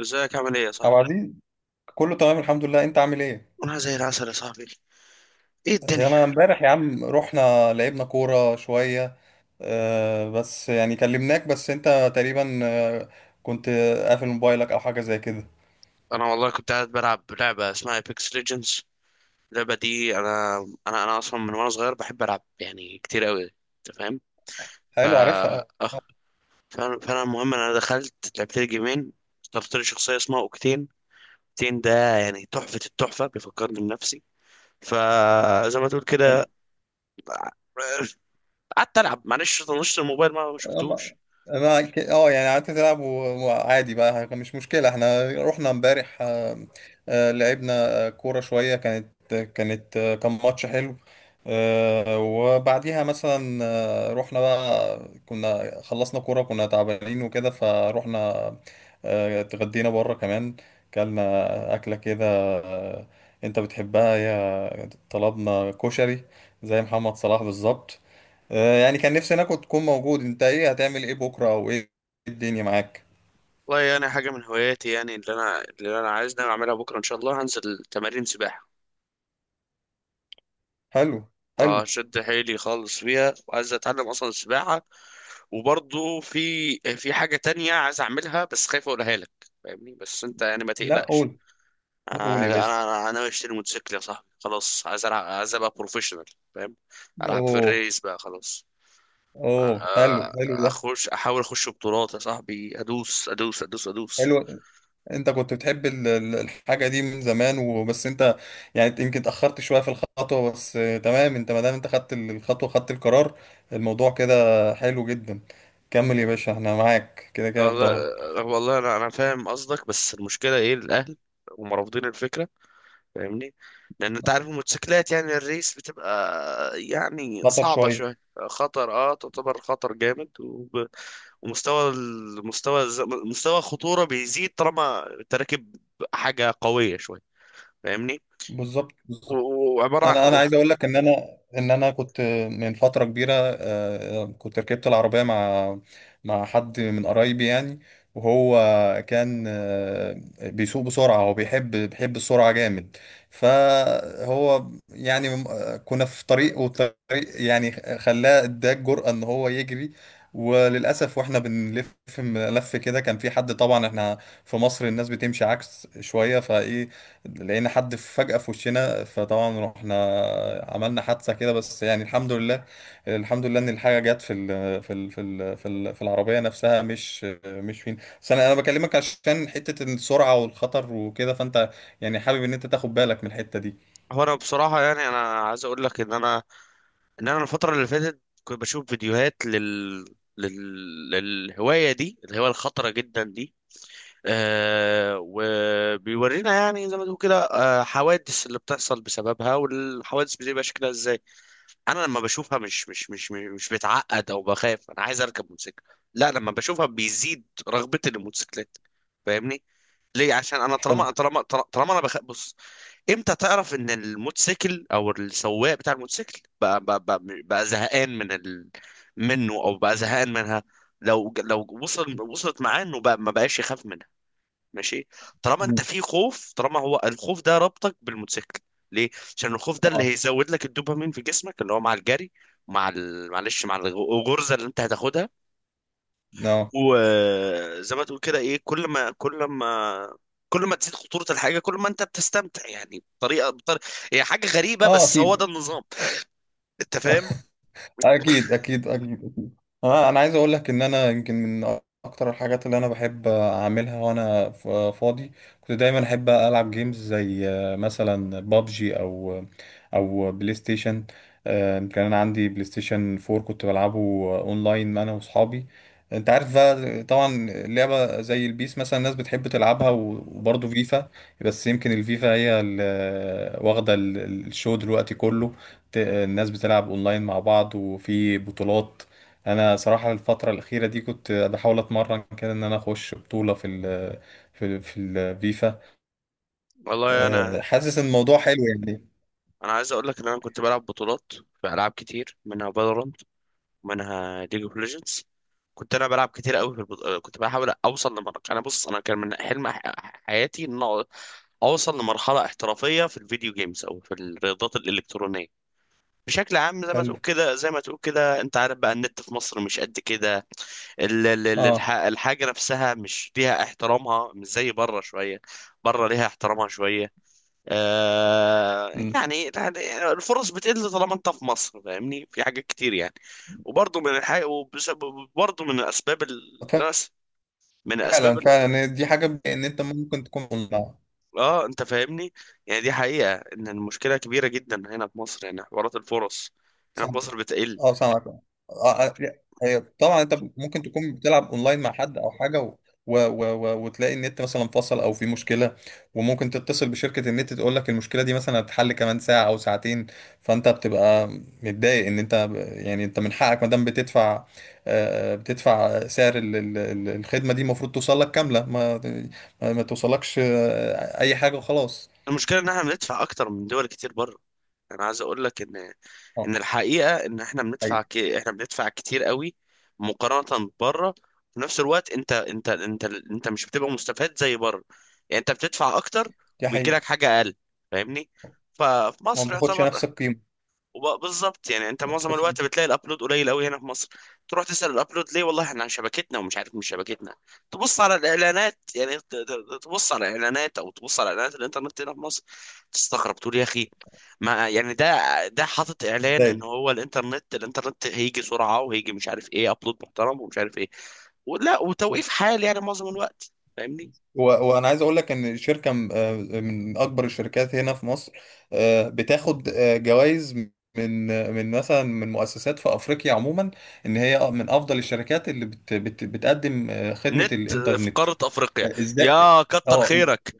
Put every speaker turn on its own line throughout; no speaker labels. ازيك عامل ايه يا
عبد
صاحبي؟
العزيز، كله تمام الحمد لله. انت عامل ايه؟
انا زي العسل يا صاحبي. ايه
انا
الدنيا؟
امبارح يا عم رحنا لعبنا كورة شوية. بس يعني كلمناك بس انت تقريبا كنت قافل موبايلك او حاجة زي كده.
انا والله كنت قاعد بلعب لعبه اسمها ايبكس ليجندز. اللعبه دي انا، انا اصلا من وانا صغير بحب العب يعني كتير قوي. انت فاهم؟ ف
حلو، عارفها.
اه فانا فأنا المهم انا دخلت لعبت لي جيمين. اخترت لي شخصيه اسمها اوكتين. اوكتين ده يعني تحفه، التحفه بيفكرني بنفسي. فزي ما تقول كده قعدت العب، معلش طنشت الموبايل ما
أما
شفتوش.
انا يعني قعدت تلعب وعادي بقى، مش مشكله. احنا رحنا امبارح، لعبنا كوره شويه. كان ماتش حلو، وبعديها مثلا رحنا بقى. كنا خلصنا كوره، كنا تعبانين وكده، فروحنا اتغدينا بره كمان. كلنا اكله كده، آه، انت بتحبها. يا طلبنا كشري زي محمد صلاح بالظبط. يعني كان نفسي انا، كنت تكون موجود. انت ايه هتعمل ايه بكره او ايه الدنيا معاك؟
والله يعني حاجة من هواياتي، يعني اللي أنا عايز ناوي أعملها بكرة إن شاء الله، هنزل تمارين سباحة.
حلو حلو.
أشد حيلي خالص فيها وعايز أتعلم أصلا السباحة. وبرضه في حاجة تانية عايز أعملها بس خايف أقولها لك. فاهمني؟ بس أنت يعني ما
لا
تقلقش.
قول،
آه،
قول يا
أنا
باشا.
أنا أنا ناوي أشتري موتوسيكل يا صاحبي، خلاص عايز ألعب، عايز أبقى بروفيشنال. فاهم؟ ألعب في
اوه
الريس بقى خلاص. أ- أ-
اوه، حلو، حلو ده.
أخش، أحاول أخش بطولات يا صاحبي. أدوس أدوس أدوس أدوس.
حلو. انت كنت بتحب الحاجه دي من زمان وبس انت يعني يمكن اتاخرت شويه في الخطوه، بس تمام. انت ما دام انت خدت الخطوه، خدت القرار، الموضوع كده حلو جدا. كمل يا باشا، احنا معاك كده كده في ظهرك.
والله انا فاهم قصدك، بس المشكله ايه؟ الاهل هم رافضين الفكره. فاهمني؟ لان انت عارف الموتوسيكلات يعني الريس بتبقى يعني
خطر
صعبه
شويه.
شويه. خطر، اه تعتبر خطر جامد. ومستوى، مستوى الخطوره بيزيد طالما انت راكب حاجه قويه شويه. فاهمني؟
بالظبط بالظبط.
وعباره عن
انا
هو.
عايز اقول لك ان انا كنت من فتره كبيره، كنت ركبت العربيه مع حد من قرايبي يعني. وهو كان بيسوق بسرعه، هو بيحب السرعه جامد. فهو يعني كنا في طريق، والطريق يعني خلاه اداه الجرأه ان هو يجري. وللاسف واحنا بنلف لف كده، كان في حد. طبعا احنا في مصر الناس بتمشي عكس شويه، فايه لقينا حد فجأة في وشنا، فطبعا رحنا عملنا حادثة كده. بس يعني الحمد لله، الحمد لله ان الحاجة جت في ال في ال في ال في, ال في العربية نفسها، مش مش فين. بس انا بكلمك عشان حتة السرعة والخطر وكده، فانت يعني حابب ان انت تاخد بالك من الحتة دي.
هو انا بصراحه يعني انا عايز اقول لك ان انا، ان انا الفتره اللي فاتت كنت بشوف فيديوهات للهوايه دي، الهوايه الخطره جدا دي. آه، وبيورينا يعني زي ما تقول كده آه، حوادث اللي بتحصل بسببها، والحوادث بتبقى شكلها ازاي. انا لما بشوفها مش بتعقد او بخاف انا عايز اركب موتوسيكل. لا، لما بشوفها بيزيد رغبتي للموتوسيكلات. فاهمني؟ ليه؟ عشان انا طالما
حلو.
طالما طالما انا بخاف. بص، امتى تعرف ان الموتوسيكل او السواق بتاع الموتوسيكل بقى زهقان من منه او بقى زهقان منها؟ لو لو وصل، وصلت معاه انه بقى ما بقاش يخاف منها. ماشي؟ طالما انت
مم.
في خوف، طالما هو الخوف ده ربطك بالموتوسيكل. ليه؟ عشان الخوف ده اللي
اه
هيزود لك الدوبامين في جسمك، اللي هو مع الجري، مع معلش مع الغرزه اللي انت هتاخدها.
اه
وزي ما تقول كده ايه، كل ما كل ما تزيد خطورة الحاجة، كل ما انت بتستمتع يعني بطريقة، بطريقة. هي حاجة غريبة
اه
بس هو ده النظام. انت فاهم؟
اكيد اكيد. انا عايز اقول لك ان انا يمكن من اكتر الحاجات اللي انا بحب اعملها وانا فاضي، كنت دايما احب العب جيمز زي مثلا بابجي او بلاي ستيشن. كان انا عندي بلاي ستيشن 4 كنت بلعبه اونلاين انا واصحابي. انت عارف بقى طبعا لعبة زي البيس مثلا الناس بتحب تلعبها، وبرضه فيفا. بس يمكن الفيفا هي اللي واخدة الشو دلوقتي كله. الناس بتلعب اونلاين مع بعض وفي بطولات. انا صراحة الفترة الأخيرة دي كنت بحاول اتمرن كده ان انا اخش بطولة في في الفيفا.
والله انا،
أه، حاسس ان الموضوع حلو يعني.
انا عايز اقول لك ان انا كنت بلعب بطولات في العاب كتير، منها فالورانت، منها ليج اوف ليجندز. كنت انا بلعب كتير قوي في كنت بحاول اوصل لمرحله. انا بص، انا كان من حلم حياتي ان اوصل لمرحله احترافيه في الفيديو جيمز او في الرياضات الالكترونيه بشكل عام. زي ما
حلو.
تقول كده، زي ما تقول كده، انت عارف بقى النت في مصر مش قد كده.
اه.
الحاجة نفسها مش ليها احترامها، مش زي بره شوية. بره ليها احترامها شوية. آه،
مم.
يعني يعني الفرص بتقل طالما انت في مصر، فاهمني؟ في حاجات كتير يعني. وبرضه من الحاجة، وبرضه من الاسباب، الناس، من اسباب
فعلا فعلا، دي حاجة. ان انت ممكن تكون اونلاين.
اه انت فاهمني. يعني دي حقيقة ان المشكلة كبيرة جدا هنا في مصر، يعني حوارات الفرص هنا في
سامعك،
مصر بتقل.
اه سامعك اه. لا، هي طبعا انت ممكن تكون بتلعب اونلاين مع حد او حاجه وتلاقي النت مثلا فصل او في مشكله. وممكن تتصل بشركه النت تقول لك المشكله دي مثلا هتتحل كمان ساعه او ساعتين. فانت بتبقى متضايق ان انت يعني انت من حقك ما دام بتدفع، بتدفع سعر الخدمه دي، المفروض توصل لك كامله. ما توصلكش اي حاجه وخلاص.
المشكله ان احنا بندفع اكتر من دول كتير بره. انا عايز اقول لك ان،
اه.
ان الحقيقه ان احنا
حقيقي.
احنا بندفع كتير قوي مقارنه بره. في نفس الوقت انت، انت مش بتبقى مستفاد زي بره. يعني انت بتدفع اكتر
دي
وبيجي
حقيقه.
لك حاجه اقل. فاهمني؟ ففي
ما
مصر
بتاخدش نفس
يعتبر،
القيمه.
بالظبط. يعني انت
ما
معظم
بتاخدش
الوقت
نفس.
بتلاقي الابلود قليل قوي هنا في مصر. تروح تسأل الابلود ليه، والله احنا عن شبكتنا ومش عارف مش شبكتنا. تبص على الاعلانات، يعني تبص على الاعلانات او تبص على اعلانات الانترنت هنا في مصر تستغرب، تقول يا اخي، ما يعني ده، ده حاطط اعلان ان
ازاي؟
هو الانترنت، الانترنت هيجي سرعة وهيجي مش عارف ايه، ابلود محترم ومش عارف ايه. ولا
و-
وتوقيف حال يعني معظم الوقت. فاهمني؟
وانا عايز اقول لك ان شركه من اكبر الشركات هنا في مصر بتاخد جوائز من مثلا من مؤسسات في افريقيا عموما، ان هي من افضل الشركات اللي بت بت بتقدم خدمه
نت في
الانترنت.
قارة افريقيا،
ازاي؟
يا كتر
اه.
خيرك.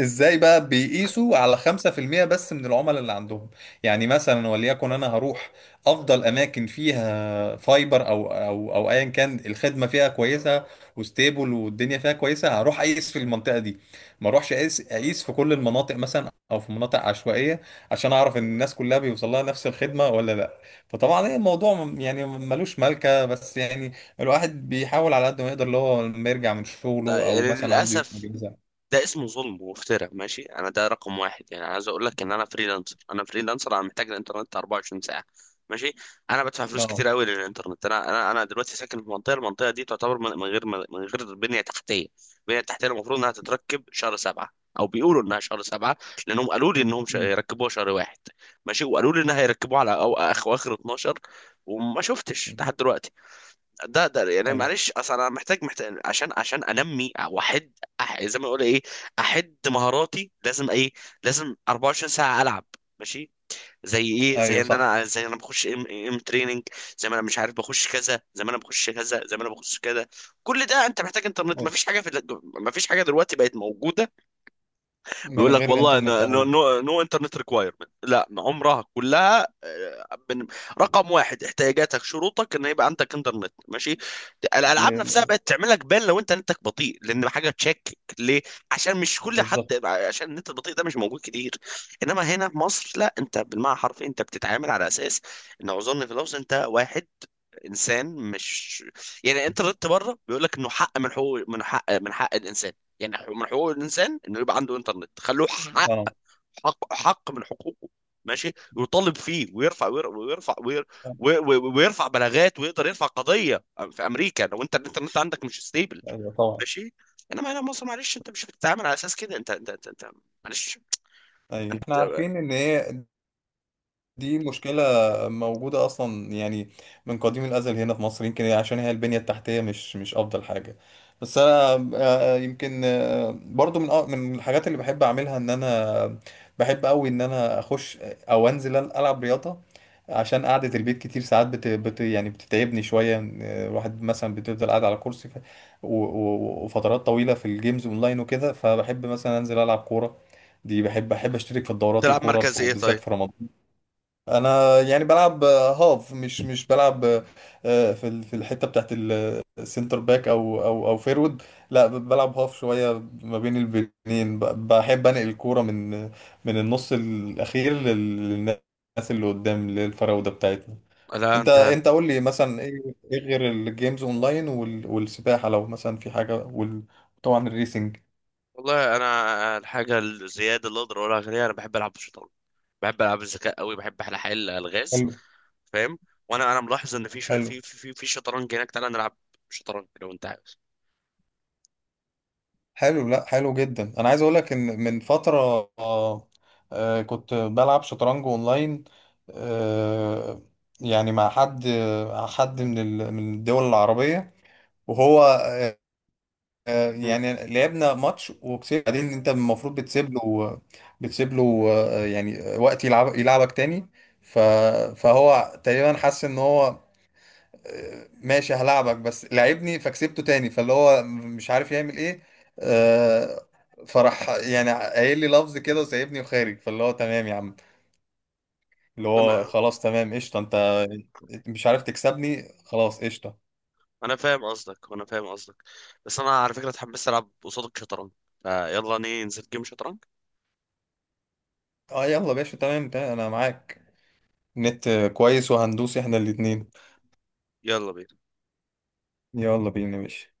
ازاي بقى بيقيسوا على 5% بس من العملاء اللي عندهم؟ يعني مثلا وليكن انا هروح افضل اماكن فيها فايبر او ايا كان الخدمه فيها كويسه وستيبل والدنيا فيها كويسه، هروح اقيس في المنطقه دي. ما اروحش اقيس في كل المناطق مثلا او في مناطق عشوائيه، عشان اعرف ان الناس كلها بيوصل لها نفس الخدمه ولا لا. فطبعا ايه الموضوع، يعني ملوش ملكه، بس يعني الواحد بيحاول على قد ما يقدر، اللي هو لما يرجع من شغله او
يعني
مثلا عنده يوم
للاسف
اجازه.
ده اسمه ظلم وافتراء. ماشي، انا ده رقم واحد، يعني عايز اقول لك ان انا فريلانسر، انا فريلانسر، انا محتاج الانترنت 24 ساعه. ماشي؟ انا بدفع فلوس
نعم.
كتير قوي للانترنت. انا دلوقتي ساكن في منطقه، المنطقه دي تعتبر من، من غير بنيه تحتيه. البنيه التحتيه المفروض انها تتركب شهر سبعة، او بيقولوا انها شهر سبعة لانهم قالوا لي انهم يركبوها شهر واحد. ماشي؟ وقالوا لي انها هيركبوها على او اخر 12 وما شفتش
مم.
لحد دلوقتي. ده ده يعني
ايوه.
معلش اصل انا محتاج، محتاج عشان، عشان انمي واحد زي ما اقول ايه احد مهاراتي. لازم ايه؟ لازم 24 ساعه العب. ماشي؟ زي ايه؟ زي
ايوه
ان
صح.
انا، زي انا بخش ام ام تريننج، زي ما انا مش عارف بخش كذا، زي ما انا بخش كذا، زي ما انا بخش كذا. كل ده انت محتاج انترنت.
أيوة.
مفيش حاجه في مفيش حاجه دلوقتي بقت موجوده.
من
بيقول لك
غير
والله،
انترنت
نو
او
نو, نو انترنت ريكوايرمنت، لا عمرها كلها. رقم واحد احتياجاتك، شروطك ان يبقى عندك انترنت. ماشي؟ الالعاب نفسها
ل-
بقت تعمل لك بان لو انت نتك بطيء لان حاجه، تشكك ليه؟ عشان مش كل حد،
بالظبط.
عشان النت البطيء ده مش موجود كتير. انما هنا في مصر لا، انت بالمعنى حرفيا انت بتتعامل على اساس ان، اعذرني في اللفظ، انت واحد، انسان مش يعني. انت ردت بره بيقول لك انه حق من حقوق، من حق الانسان، يعني من حقوق الانسان انه يبقى عنده انترنت. خلوه حق،
انا.
حق من حقوقه. ماشي؟ يطالب فيه ويرفع، ويرفع بلاغات ويقدر يرفع قضيه. في امريكا لو انت الانترنت عندك مش ستيبل.
ايوه طبعا.
ماشي؟ انما هنا مصر معلش انت مش بتتعامل على اساس كده. انت معلش.
ايوه احنا
انت
عارفين ان هي دي مشكلة موجودة أصلا يعني، من قديم الأزل هنا في مصر، يمكن عشان هي البنية التحتية مش مش أفضل حاجة. بس أنا يمكن برضو من من الحاجات اللي بحب أعملها، إن أنا بحب أوي إن أنا أخش أو أنزل ألعب رياضة، عشان قعدة البيت كتير ساعات يعني بتتعبني شوية. الواحد مثلا بتفضل قاعد على كرسي وفترات طويلة في الجيمز أونلاين وكده، فبحب مثلا أنزل ألعب كورة. دي بحب، أشترك في الدورات،
تلعب
الكورة
مركز ايه
وبالذات
طيب؟
في رمضان. انا يعني بلعب هاف، مش مش بلعب في في الحته بتاعت السنتر باك او فيرود، لا بلعب هاف شويه ما بين البنين. بحب انقل الكوره من النص الاخير للناس اللي قدام، للفراوده بتاعتنا.
لا
انت
انت،
انت قول لي مثلا ايه، إيه غير الجيمز اونلاين والسباحه لو مثلا في حاجه، وطبعا الريسنج.
والله انا الحاجه الزياده اللي اقدر اقولها، غير انا بحب العب بالشطرنج، بحب العاب الذكاء قوي، بحب احلى حل الغاز.
حلو
فاهم؟ وانا ملاحظ ان في ش...
حلو.
في في في شطرنج هناك. تعالى نلعب شطرنج لو انت عاوز.
حلو لا، حلو جدا. انا عايز اقول لك ان من فتره كنت بلعب شطرنج اونلاين، آه، يعني مع حد، حد من من الدول العربيه. وهو
مم.
يعني لعبنا ماتش وكسبت. بعدين انت المفروض بتسيب له، يعني وقت يلعب يلعبك تاني. ف- فهو تقريبا حس ان هو ماشي هلاعبك بس، لعبني، فكسبته تاني، فاللي هو مش عارف يعمل ايه. آه، فراح يعني قايل لي لفظ كده وسايبني وخارج، فاللي هو تمام يا عم، اللي هو
لما-
خلاص تمام قشطه. انت مش عارف تكسبني، خلاص قشطه.
انا فاهم قصدك، وانا فاهم قصدك. بس انا على فكره اتحمست العب قصادك شطرنج. فيلا ننزل جيم شطرنج.
اه يلا يا باشا، تمام تمام، انا معاك. نت كويس وهندوس احنا الاتنين.
يلا بينا.
يلا بينا يا باشا.